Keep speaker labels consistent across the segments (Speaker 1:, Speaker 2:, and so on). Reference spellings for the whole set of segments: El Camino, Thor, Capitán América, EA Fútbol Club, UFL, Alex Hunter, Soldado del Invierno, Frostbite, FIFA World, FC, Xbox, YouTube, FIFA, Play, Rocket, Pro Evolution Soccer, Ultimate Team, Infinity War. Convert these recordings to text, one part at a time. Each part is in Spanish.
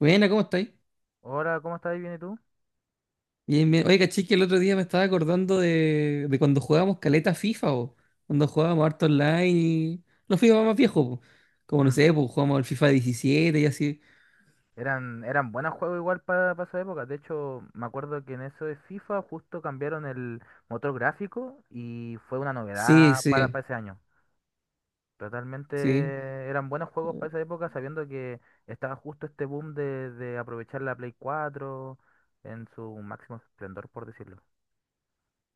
Speaker 1: Buena, ¿cómo estáis?
Speaker 2: Hola, ¿cómo estás? ¿Bien y tú?
Speaker 1: Bien, bien. Oye, caché que el otro día me estaba acordando de cuando jugábamos caleta FIFA, o cuando jugábamos harto online y los FIFA más viejos, po. Como no
Speaker 2: Mm,
Speaker 1: sé, pues jugábamos el FIFA 17 y así.
Speaker 2: eran buenos juegos igual para esa época. De hecho, me acuerdo que en eso de FIFA justo cambiaron el motor gráfico y fue una
Speaker 1: Sí,
Speaker 2: novedad
Speaker 1: sí,
Speaker 2: para ese año. Totalmente
Speaker 1: sí.
Speaker 2: eran buenos juegos para esa época, sabiendo que estaba justo este boom de aprovechar la Play 4 en su máximo esplendor, por decirlo.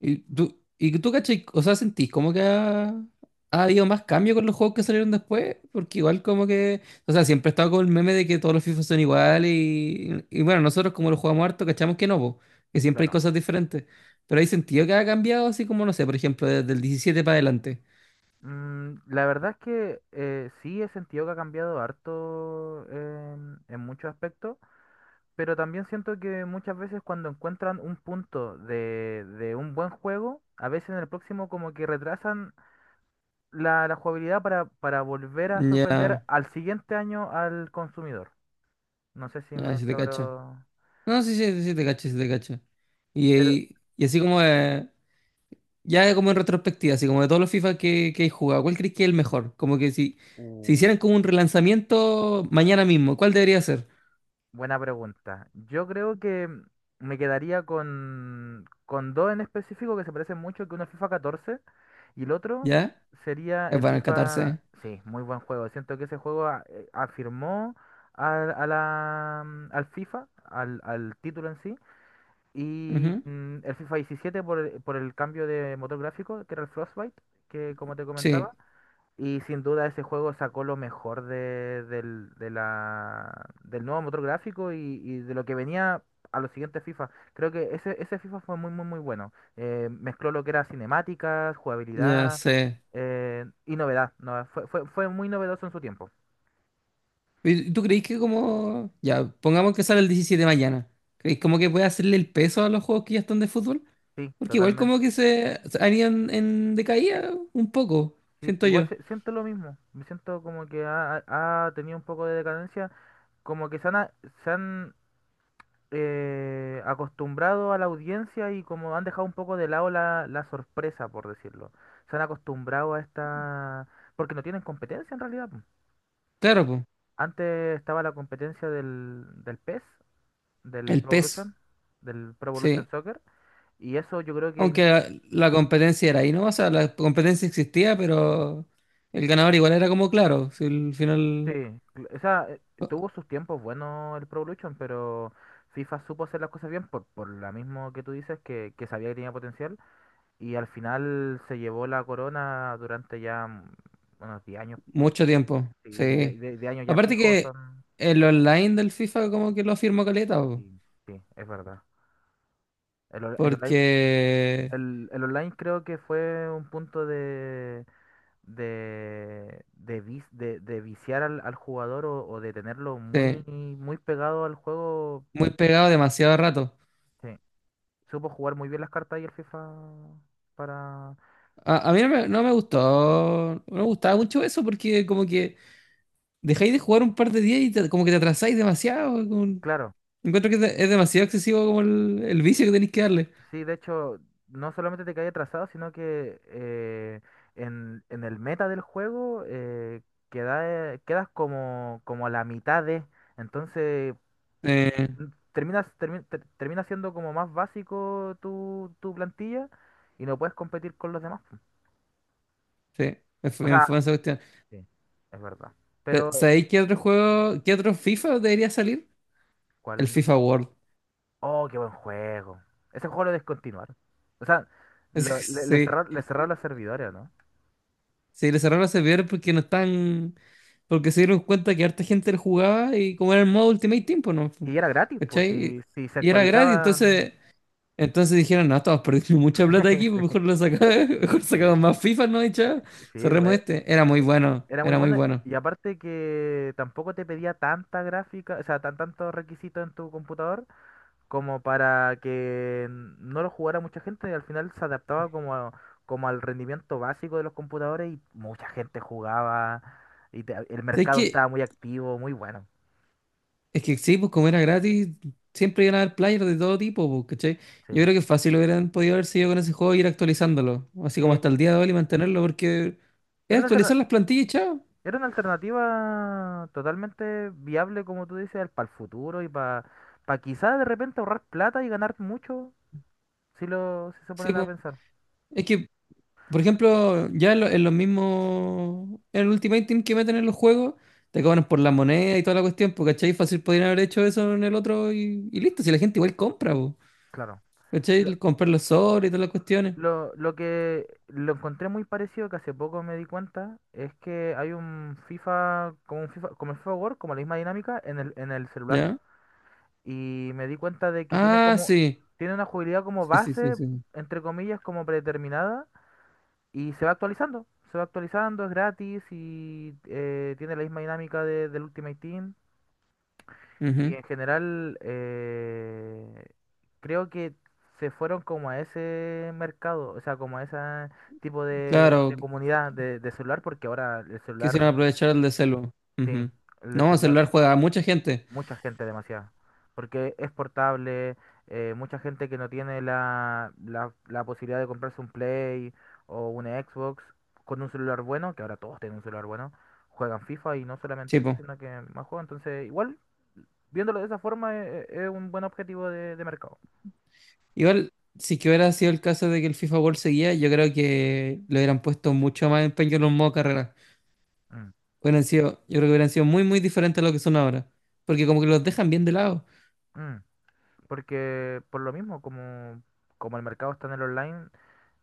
Speaker 1: Y tú cachai, o sea, sentís como que ha habido más cambio con los juegos que salieron después, porque igual como que, o sea, siempre he estado con el meme de que todos los FIFA son iguales y bueno, nosotros como los jugamos harto, cachamos que no, po, que siempre hay
Speaker 2: Claro.
Speaker 1: cosas diferentes, pero hay sentido que ha cambiado así como, no sé, por ejemplo, desde el diecisiete para adelante.
Speaker 2: La verdad es que sí he sentido que ha cambiado harto en muchos aspectos. Pero también siento que muchas veces cuando encuentran un punto de un buen juego, a veces en el próximo como que retrasan la jugabilidad para volver a
Speaker 1: Ya,
Speaker 2: sorprender al siguiente año al consumidor. No sé si
Speaker 1: ya,
Speaker 2: me
Speaker 1: si te cacho.
Speaker 2: logro...
Speaker 1: No, sí, sí, sí te cacho, sí te cacho. Y,
Speaker 2: Pero...
Speaker 1: y, y así como, ya como en retrospectiva, así como de todos los FIFA que he jugado, ¿cuál crees que es el mejor? Como que si, si
Speaker 2: Uh.
Speaker 1: hicieran como un relanzamiento mañana mismo, ¿cuál debería ser?
Speaker 2: Buena pregunta. Yo creo que me quedaría con dos en específico que se parecen mucho, que uno es FIFA 14 y el otro
Speaker 1: ¿Ya?
Speaker 2: sería
Speaker 1: Es
Speaker 2: el
Speaker 1: bueno, el
Speaker 2: FIFA...
Speaker 1: 14.
Speaker 2: Sí, muy buen juego. Siento que ese juego afirmó al, a la, mm, al FIFA, al, al título en sí, y
Speaker 1: Ujú.
Speaker 2: el FIFA 17 por el cambio de motor gráfico, que era el Frostbite, que como te comentaba.
Speaker 1: Sí,
Speaker 2: Y sin duda ese juego sacó lo mejor de, del, de la, del nuevo motor gráfico y de lo que venía a los siguientes FIFA. Creo que ese FIFA fue muy, muy, muy bueno. Mezcló lo que era cinemáticas,
Speaker 1: ya
Speaker 2: jugabilidad,
Speaker 1: sé.
Speaker 2: y novedad. No, fue muy novedoso en su tiempo.
Speaker 1: ¿Y tú crees que como... Ya, pongamos que sale el 17 mañana. ¿Crees como que puede hacerle el peso a los juegos que ya están de fútbol?
Speaker 2: Sí,
Speaker 1: Porque igual como
Speaker 2: totalmente.
Speaker 1: que se han ido en decaída un poco,
Speaker 2: Sí,
Speaker 1: siento
Speaker 2: igual
Speaker 1: yo.
Speaker 2: siento lo mismo. Me siento como que ha tenido un poco de decadencia. Como que se han acostumbrado a la audiencia y como han dejado un poco de lado la sorpresa, por decirlo. Se han acostumbrado a esta... Porque no tienen competencia en realidad, po.
Speaker 1: Claro, pues.
Speaker 2: Antes estaba la competencia del PES, del
Speaker 1: El
Speaker 2: Pro
Speaker 1: peso.
Speaker 2: Evolution, del Pro Evolution
Speaker 1: Sí.
Speaker 2: Soccer, y eso yo creo que...
Speaker 1: Aunque la competencia era ahí, ¿no? O sea, la competencia existía, pero el ganador igual era como claro, si al
Speaker 2: Sí,
Speaker 1: final
Speaker 2: o sea, tuvo sus tiempos buenos el Pro Evolution, pero FIFA supo hacer las cosas bien por lo mismo que tú dices, que sabía que tenía potencial. Y al final se llevó la corona durante ya unos 10 años,
Speaker 1: mucho tiempo.
Speaker 2: sí, de,
Speaker 1: Sí.
Speaker 2: de- de años ya
Speaker 1: Aparte
Speaker 2: fijos
Speaker 1: que
Speaker 2: son,
Speaker 1: el online del FIFA como que lo firmó caleta, po,
Speaker 2: sí, sí, es verdad. El online,
Speaker 1: porque
Speaker 2: el online creo que fue un punto de viciar al jugador o de tenerlo
Speaker 1: sí,
Speaker 2: muy, muy pegado al juego.
Speaker 1: muy pegado demasiado rato.
Speaker 2: Sí. Supo jugar muy bien las cartas y el FIFA para...
Speaker 1: A mí no me gustó, no me gustaba mucho eso porque como que dejáis de jugar un par de días y te- como que te atrasáis demasiado. Como
Speaker 2: Claro.
Speaker 1: encuentro que es de- es demasiado excesivo como el vicio que tenéis que darle.
Speaker 2: Sí, de hecho, no solamente te cae atrasado, sino que en el meta del juego, quedas como, como a la mitad de. Entonces,
Speaker 1: Sí.
Speaker 2: mm, termina siendo como más básico tu plantilla y no puedes competir con los demás, po.
Speaker 1: Sí,
Speaker 2: O
Speaker 1: es
Speaker 2: sea,
Speaker 1: fu- esa cuestión.
Speaker 2: sí, es verdad.
Speaker 1: Pe-
Speaker 2: Pero...
Speaker 1: ¿Sabéis qué otro juego, qué otro FIFA debería salir? El
Speaker 2: ¿Cuál?
Speaker 1: FIFA World.
Speaker 2: Oh, qué buen juego. Ese juego lo descontinuaron. O sea, lo-
Speaker 1: Es-
Speaker 2: le, le
Speaker 1: Sí,
Speaker 2: cerrar- le cerraron los servidores, ¿no?
Speaker 1: sí, le cerraron los servidores porque no están, porque se dieron cuenta que harta gente lo jugaba y como era el modo Ultimate Team, pues no, fu-
Speaker 2: Y era gratis, pues,
Speaker 1: ¿cachai?
Speaker 2: si se
Speaker 1: Y era gratis,
Speaker 2: actualizaba.
Speaker 1: entonces, entonces dijeron, no, estamos perdiendo mucha plata aquí, pues mejor lo sacamos, mejor
Speaker 2: Sí,
Speaker 1: sacamos
Speaker 2: sí,
Speaker 1: más FIFA, ¿no? Y chao,
Speaker 2: sí, güey.
Speaker 1: cerremos este. Era muy
Speaker 2: e,
Speaker 1: bueno,
Speaker 2: Era muy
Speaker 1: era muy
Speaker 2: bueno.
Speaker 1: bueno.
Speaker 2: Y aparte que tampoco te pedía tanta gráfica, o sea, tantos requisitos en tu computador como para que no lo jugara mucha gente. Y al final se adaptaba como al rendimiento básico de los computadores y mucha gente jugaba. Y el
Speaker 1: ¿Sabéis
Speaker 2: mercado
Speaker 1: qué?
Speaker 2: estaba muy activo, muy bueno.
Speaker 1: Es que sí, pues como era gratis, siempre iban a haber players de todo tipo, pues, ¿cachai? Yo
Speaker 2: Sí.
Speaker 1: creo que fácil hubieran podido haber seguido con ese juego e ir actualizándolo, así
Speaker 2: Sí.
Speaker 1: como hasta el día de hoy y mantenerlo, porque es
Speaker 2: Una alterna-
Speaker 1: actualizar las plantillas, y chao.
Speaker 2: Era una alternativa totalmente viable, como tú dices, para el futuro y para quizás de repente ahorrar plata y ganar mucho, si se
Speaker 1: Sí,
Speaker 2: ponen a
Speaker 1: pues.
Speaker 2: pensar.
Speaker 1: Es que, por ejemplo, ya en, lo- en los mismos, en el Ultimate Team que meten en los juegos, te cobran por la moneda y toda la cuestión, pues, ¿cachai? Fácil podrían haber hecho eso en el otro y listo, si la gente igual compra, pues,
Speaker 2: Claro. Lo,
Speaker 1: ¿cachai? Comprar los sobres y todas las cuestiones,
Speaker 2: lo que lo encontré muy parecido, que hace poco me di cuenta, es que hay como el FIFA World, como la misma dinámica en el celular.
Speaker 1: ¿ya?
Speaker 2: Y me di cuenta de que tiene
Speaker 1: Ah,
Speaker 2: como,
Speaker 1: sí,
Speaker 2: tiene una jugabilidad como
Speaker 1: sí, sí, sí,
Speaker 2: base,
Speaker 1: sí.
Speaker 2: entre comillas, como predeterminada. Y se va actualizando, es gratis y, tiene la misma dinámica del Ultimate Team. Y
Speaker 1: Ujú.
Speaker 2: en general, creo que se fueron como a ese mercado, o sea, como a ese tipo de
Speaker 1: Claro,
Speaker 2: comunidad de celular, porque ahora el
Speaker 1: quisieron
Speaker 2: celular,
Speaker 1: aprovechar el de celu.
Speaker 2: sí,
Speaker 1: Ujú.
Speaker 2: el de
Speaker 1: No,
Speaker 2: celular,
Speaker 1: celular juega a mucha gente.
Speaker 2: mucha gente, demasiada. Porque es portable, mucha gente que no tiene la posibilidad de comprarse un Play o una Xbox, con un celular bueno, que ahora todos tienen un celular bueno, juegan FIFA, y no solamente
Speaker 1: Sí,
Speaker 2: eso,
Speaker 1: po.
Speaker 2: sino que más juegan. Entonces, igual, viéndolo de esa forma, es un buen objetivo de mercado.
Speaker 1: Igual, si que hubiera sido el caso de que el FIFA World seguía, yo creo que le hubieran puesto mucho más empeño en los modos carrera.
Speaker 2: Mm,
Speaker 1: Hubieran sido, yo creo que hubieran sido muy, muy diferentes a lo que son ahora. Porque como que los dejan bien de lado.
Speaker 2: mm. Porque por lo mismo, como el mercado está en el online,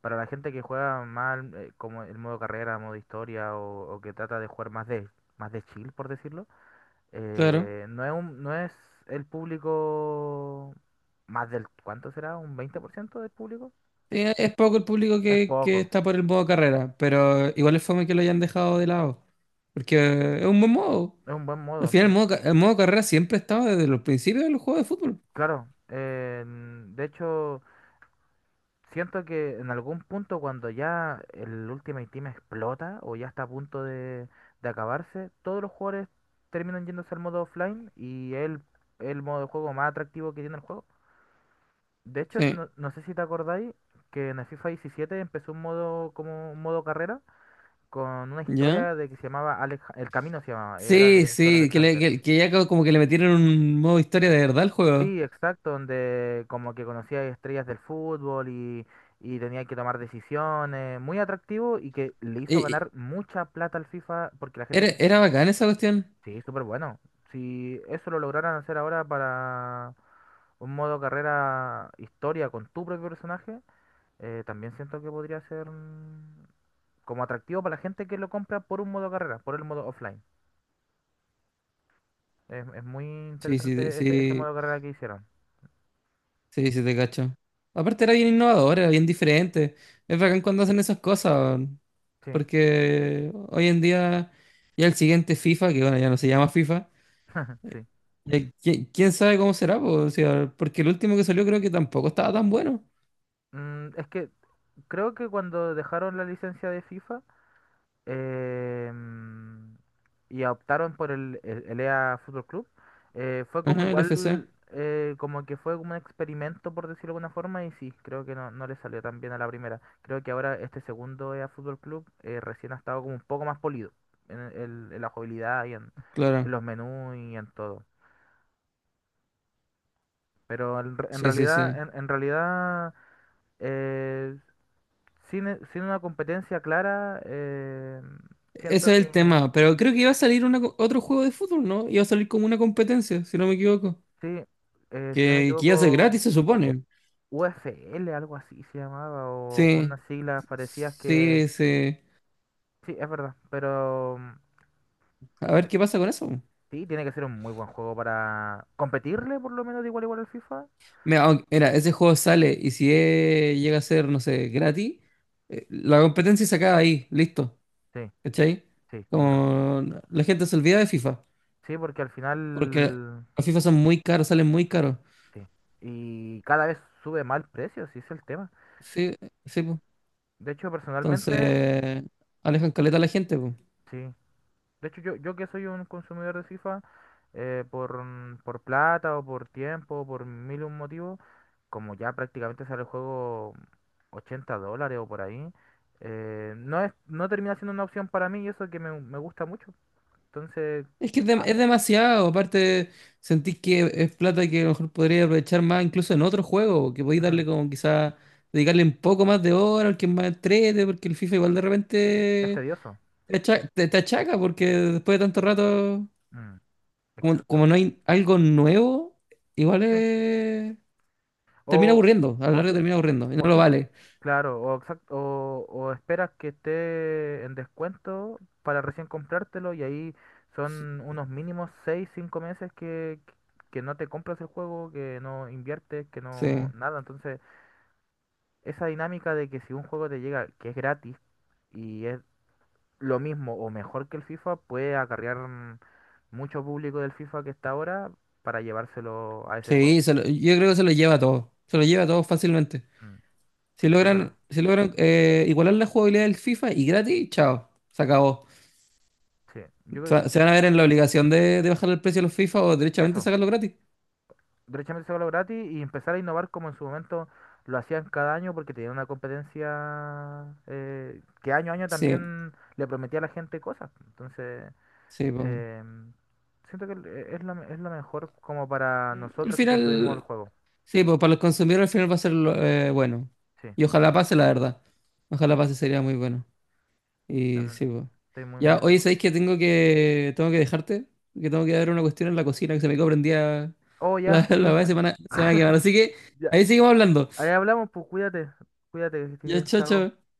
Speaker 2: para la gente que juega mal, como el modo carrera, modo historia, o que trata de jugar más de chill, por decirlo,
Speaker 1: Claro.
Speaker 2: no es el público más del... ¿Cuánto será? ¿Un 20% del público?
Speaker 1: Es poco el público
Speaker 2: Es
Speaker 1: que
Speaker 2: poco,
Speaker 1: está por el modo carrera, pero igual es fome que lo hayan dejado de lado. Porque es un buen modo.
Speaker 2: es un buen
Speaker 1: Al
Speaker 2: modo,
Speaker 1: final, el
Speaker 2: sí.
Speaker 1: modo, ca- el modo carrera siempre ha estado desde los principios de los juegos de fútbol.
Speaker 2: Claro, de hecho... Siento que en algún punto, cuando ya el Ultimate Team explota o ya está a punto de acabarse, todos los jugadores terminan yéndose al modo offline, y es el modo de juego más atractivo que tiene el juego. De hecho,
Speaker 1: Sí.
Speaker 2: no, no sé si te acordáis que en el FIFA 17 empezó un modo, como un modo carrera con una
Speaker 1: ¿Ya?
Speaker 2: historia, de que se llamaba Alex, El Camino se llamaba, era
Speaker 1: Sí,
Speaker 2: de sobre
Speaker 1: sí,
Speaker 2: Alex
Speaker 1: que, le-
Speaker 2: Hunter.
Speaker 1: que ya co- como que le metieron un modo historia de verdad al juego.
Speaker 2: Sí, exacto, donde como que conocía estrellas del fútbol y tenía que tomar decisiones, muy atractivo y que le hizo
Speaker 1: Y-
Speaker 2: ganar mucha plata al FIFA porque la gente
Speaker 1: era,
Speaker 2: se...
Speaker 1: era bacán esa cuestión.
Speaker 2: Sí, súper bueno. Si eso lo lograran hacer ahora para un modo carrera historia con tu propio personaje, también siento que podría ser, como atractivo para la gente que lo compra por un modo carrera, por el modo offline. Es muy
Speaker 1: Sí, sí, te-
Speaker 2: interesante ese
Speaker 1: sí,
Speaker 2: modo carrera que hicieron.
Speaker 1: sí, sí, te cacho. Aparte era bien innovador, era bien diferente. Es bacán cuando hacen esas cosas, weón.
Speaker 2: Sí,
Speaker 1: Porque hoy en día ya el siguiente FIFA, que bueno, ya no se llama FIFA, eh,
Speaker 2: sí.
Speaker 1: ¿qui- ¿quién sabe cómo será, po? O sea, porque el último que salió creo que tampoco estaba tan bueno.
Speaker 2: Es que creo que cuando dejaron la licencia de FIFA, em, y optaron por el, el EA Fútbol Club, fue como
Speaker 1: Ajá, el F C,
Speaker 2: igual, como que fue como un experimento, por decirlo de alguna forma, y sí, creo que no, no le salió tan bien a la primera. Creo que ahora este segundo EA Fútbol Club, recién ha estado como un poco más polido en la jugabilidad y en
Speaker 1: claro.
Speaker 2: los menús y en todo. Pero en, en
Speaker 1: Sí, sí,
Speaker 2: realidad,
Speaker 1: sí.
Speaker 2: en en realidad... Eh, sin una competencia clara, siento
Speaker 1: Ese es
Speaker 2: que
Speaker 1: el tema, pero creo que iba a salir una co- otro juego de fútbol, ¿no? Iba a salir como una competencia, si no me equivoco.
Speaker 2: sí, si no me
Speaker 1: Que iba a ser
Speaker 2: equivoco,
Speaker 1: gratis, se supone.
Speaker 2: UFL, algo así se llamaba, o
Speaker 1: Sí,
Speaker 2: unas siglas parecidas que...
Speaker 1: sí, sí.
Speaker 2: Sí, es verdad, pero
Speaker 1: A ver qué pasa con eso.
Speaker 2: sí, tiene que ser un muy buen juego para competirle por lo menos de igual a igual al FIFA.
Speaker 1: Mira, aunque- mira, ese juego sale y si llega a ser, no sé, gratis, la competencia se acaba ahí, listo.
Speaker 2: Sí,
Speaker 1: ¿Cachai?
Speaker 2: sí, tienes razón.
Speaker 1: Como la gente se olvida de FIFA,
Speaker 2: Sí, porque al
Speaker 1: porque
Speaker 2: final...
Speaker 1: los FIFA son muy caros, salen muy caros.
Speaker 2: Sí. Y cada vez sube mal precio, sí es el tema.
Speaker 1: Sí, sí, pues.
Speaker 2: De hecho, personalmente,
Speaker 1: Entonces, alejan caleta a la gente, pues.
Speaker 2: sí. De hecho, yo que soy un consumidor de FIFA, por plata o por tiempo, por mil y un motivos, como ya prácticamente sale el juego $80 o por ahí, no es, no termina siendo una opción para mí, y eso que me gusta mucho. Entonces,
Speaker 1: Es que es, dem-
Speaker 2: ah,
Speaker 1: es demasiado, aparte sentís que es plata que a lo mejor podría aprovechar más incluso en otro juego, que podéis darle
Speaker 2: mm,
Speaker 1: como quizá, dedicarle un poco más de hora, al que es más entrete, porque el FIFA igual de
Speaker 2: es
Speaker 1: repente
Speaker 2: tedioso.
Speaker 1: te acha- te- te achaca, porque después de tanto rato,
Speaker 2: Mm,
Speaker 1: como, como
Speaker 2: exacto.
Speaker 1: no hay algo nuevo, igual
Speaker 2: Sí.
Speaker 1: es- termina
Speaker 2: O,
Speaker 1: aburriendo, a lo
Speaker 2: o,
Speaker 1: largo
Speaker 2: si-
Speaker 1: termina aburriendo, y no
Speaker 2: O
Speaker 1: lo
Speaker 2: si,
Speaker 1: vale.
Speaker 2: claro, o esperas que esté en descuento para recién comprártelo, y ahí son unos mínimos 6 5 meses que no te compras el juego, que no inviertes, que
Speaker 1: Sí,
Speaker 2: no nada. Entonces, esa dinámica de que si un juego te llega que es gratis y es lo mismo o mejor que el FIFA, puede acarrear, mucho público del FIFA que está ahora para llevárselo a ese juego.
Speaker 1: sí, se lo- yo creo que se lo lleva todo, se lo lleva todo fácilmente.
Speaker 2: Mm,
Speaker 1: Si
Speaker 2: sí, es verdad.
Speaker 1: logran, si logran igualar la jugabilidad del FIFA y gratis, chao, se acabó.
Speaker 2: Sí, yo creo,
Speaker 1: Se, va- se van a ver en la obligación de bajar el precio de los FIFA o directamente
Speaker 2: eso,
Speaker 1: sacarlo gratis.
Speaker 2: derechamente sacarlo gratis y empezar a innovar como en su momento lo hacían cada año, porque tenían una competencia, que año a año
Speaker 1: Sí,
Speaker 2: también le prometía a la gente cosas. Entonces,
Speaker 1: sí, po.
Speaker 2: eh, siento que es lo mejor como para
Speaker 1: Al
Speaker 2: nosotros que consumimos el
Speaker 1: final,
Speaker 2: juego.
Speaker 1: sí, pues para los consumidores al final va a ser lo- bueno.
Speaker 2: Sí,
Speaker 1: Y ojalá
Speaker 2: ah,
Speaker 1: pase, la verdad. Ojalá
Speaker 2: sí,
Speaker 1: pase, sería muy bueno. Y
Speaker 2: también
Speaker 1: sí, pues.
Speaker 2: estoy muy,
Speaker 1: Ya,
Speaker 2: muy de
Speaker 1: oye,
Speaker 2: acuerdo.
Speaker 1: ¿sabéis que tengo que dejarte? Que tengo que dar una cuestión en la cocina que se me quedó prendida
Speaker 2: Oh, ya,
Speaker 1: la, la,
Speaker 2: sí,
Speaker 1: la semana, se me va a quemar. Así que
Speaker 2: ya.
Speaker 1: ahí seguimos hablando.
Speaker 2: Ahí hablamos, pues cuídate, cuídate, que estés
Speaker 1: Ya,
Speaker 2: bien,
Speaker 1: chao,
Speaker 2: chao.
Speaker 1: chao.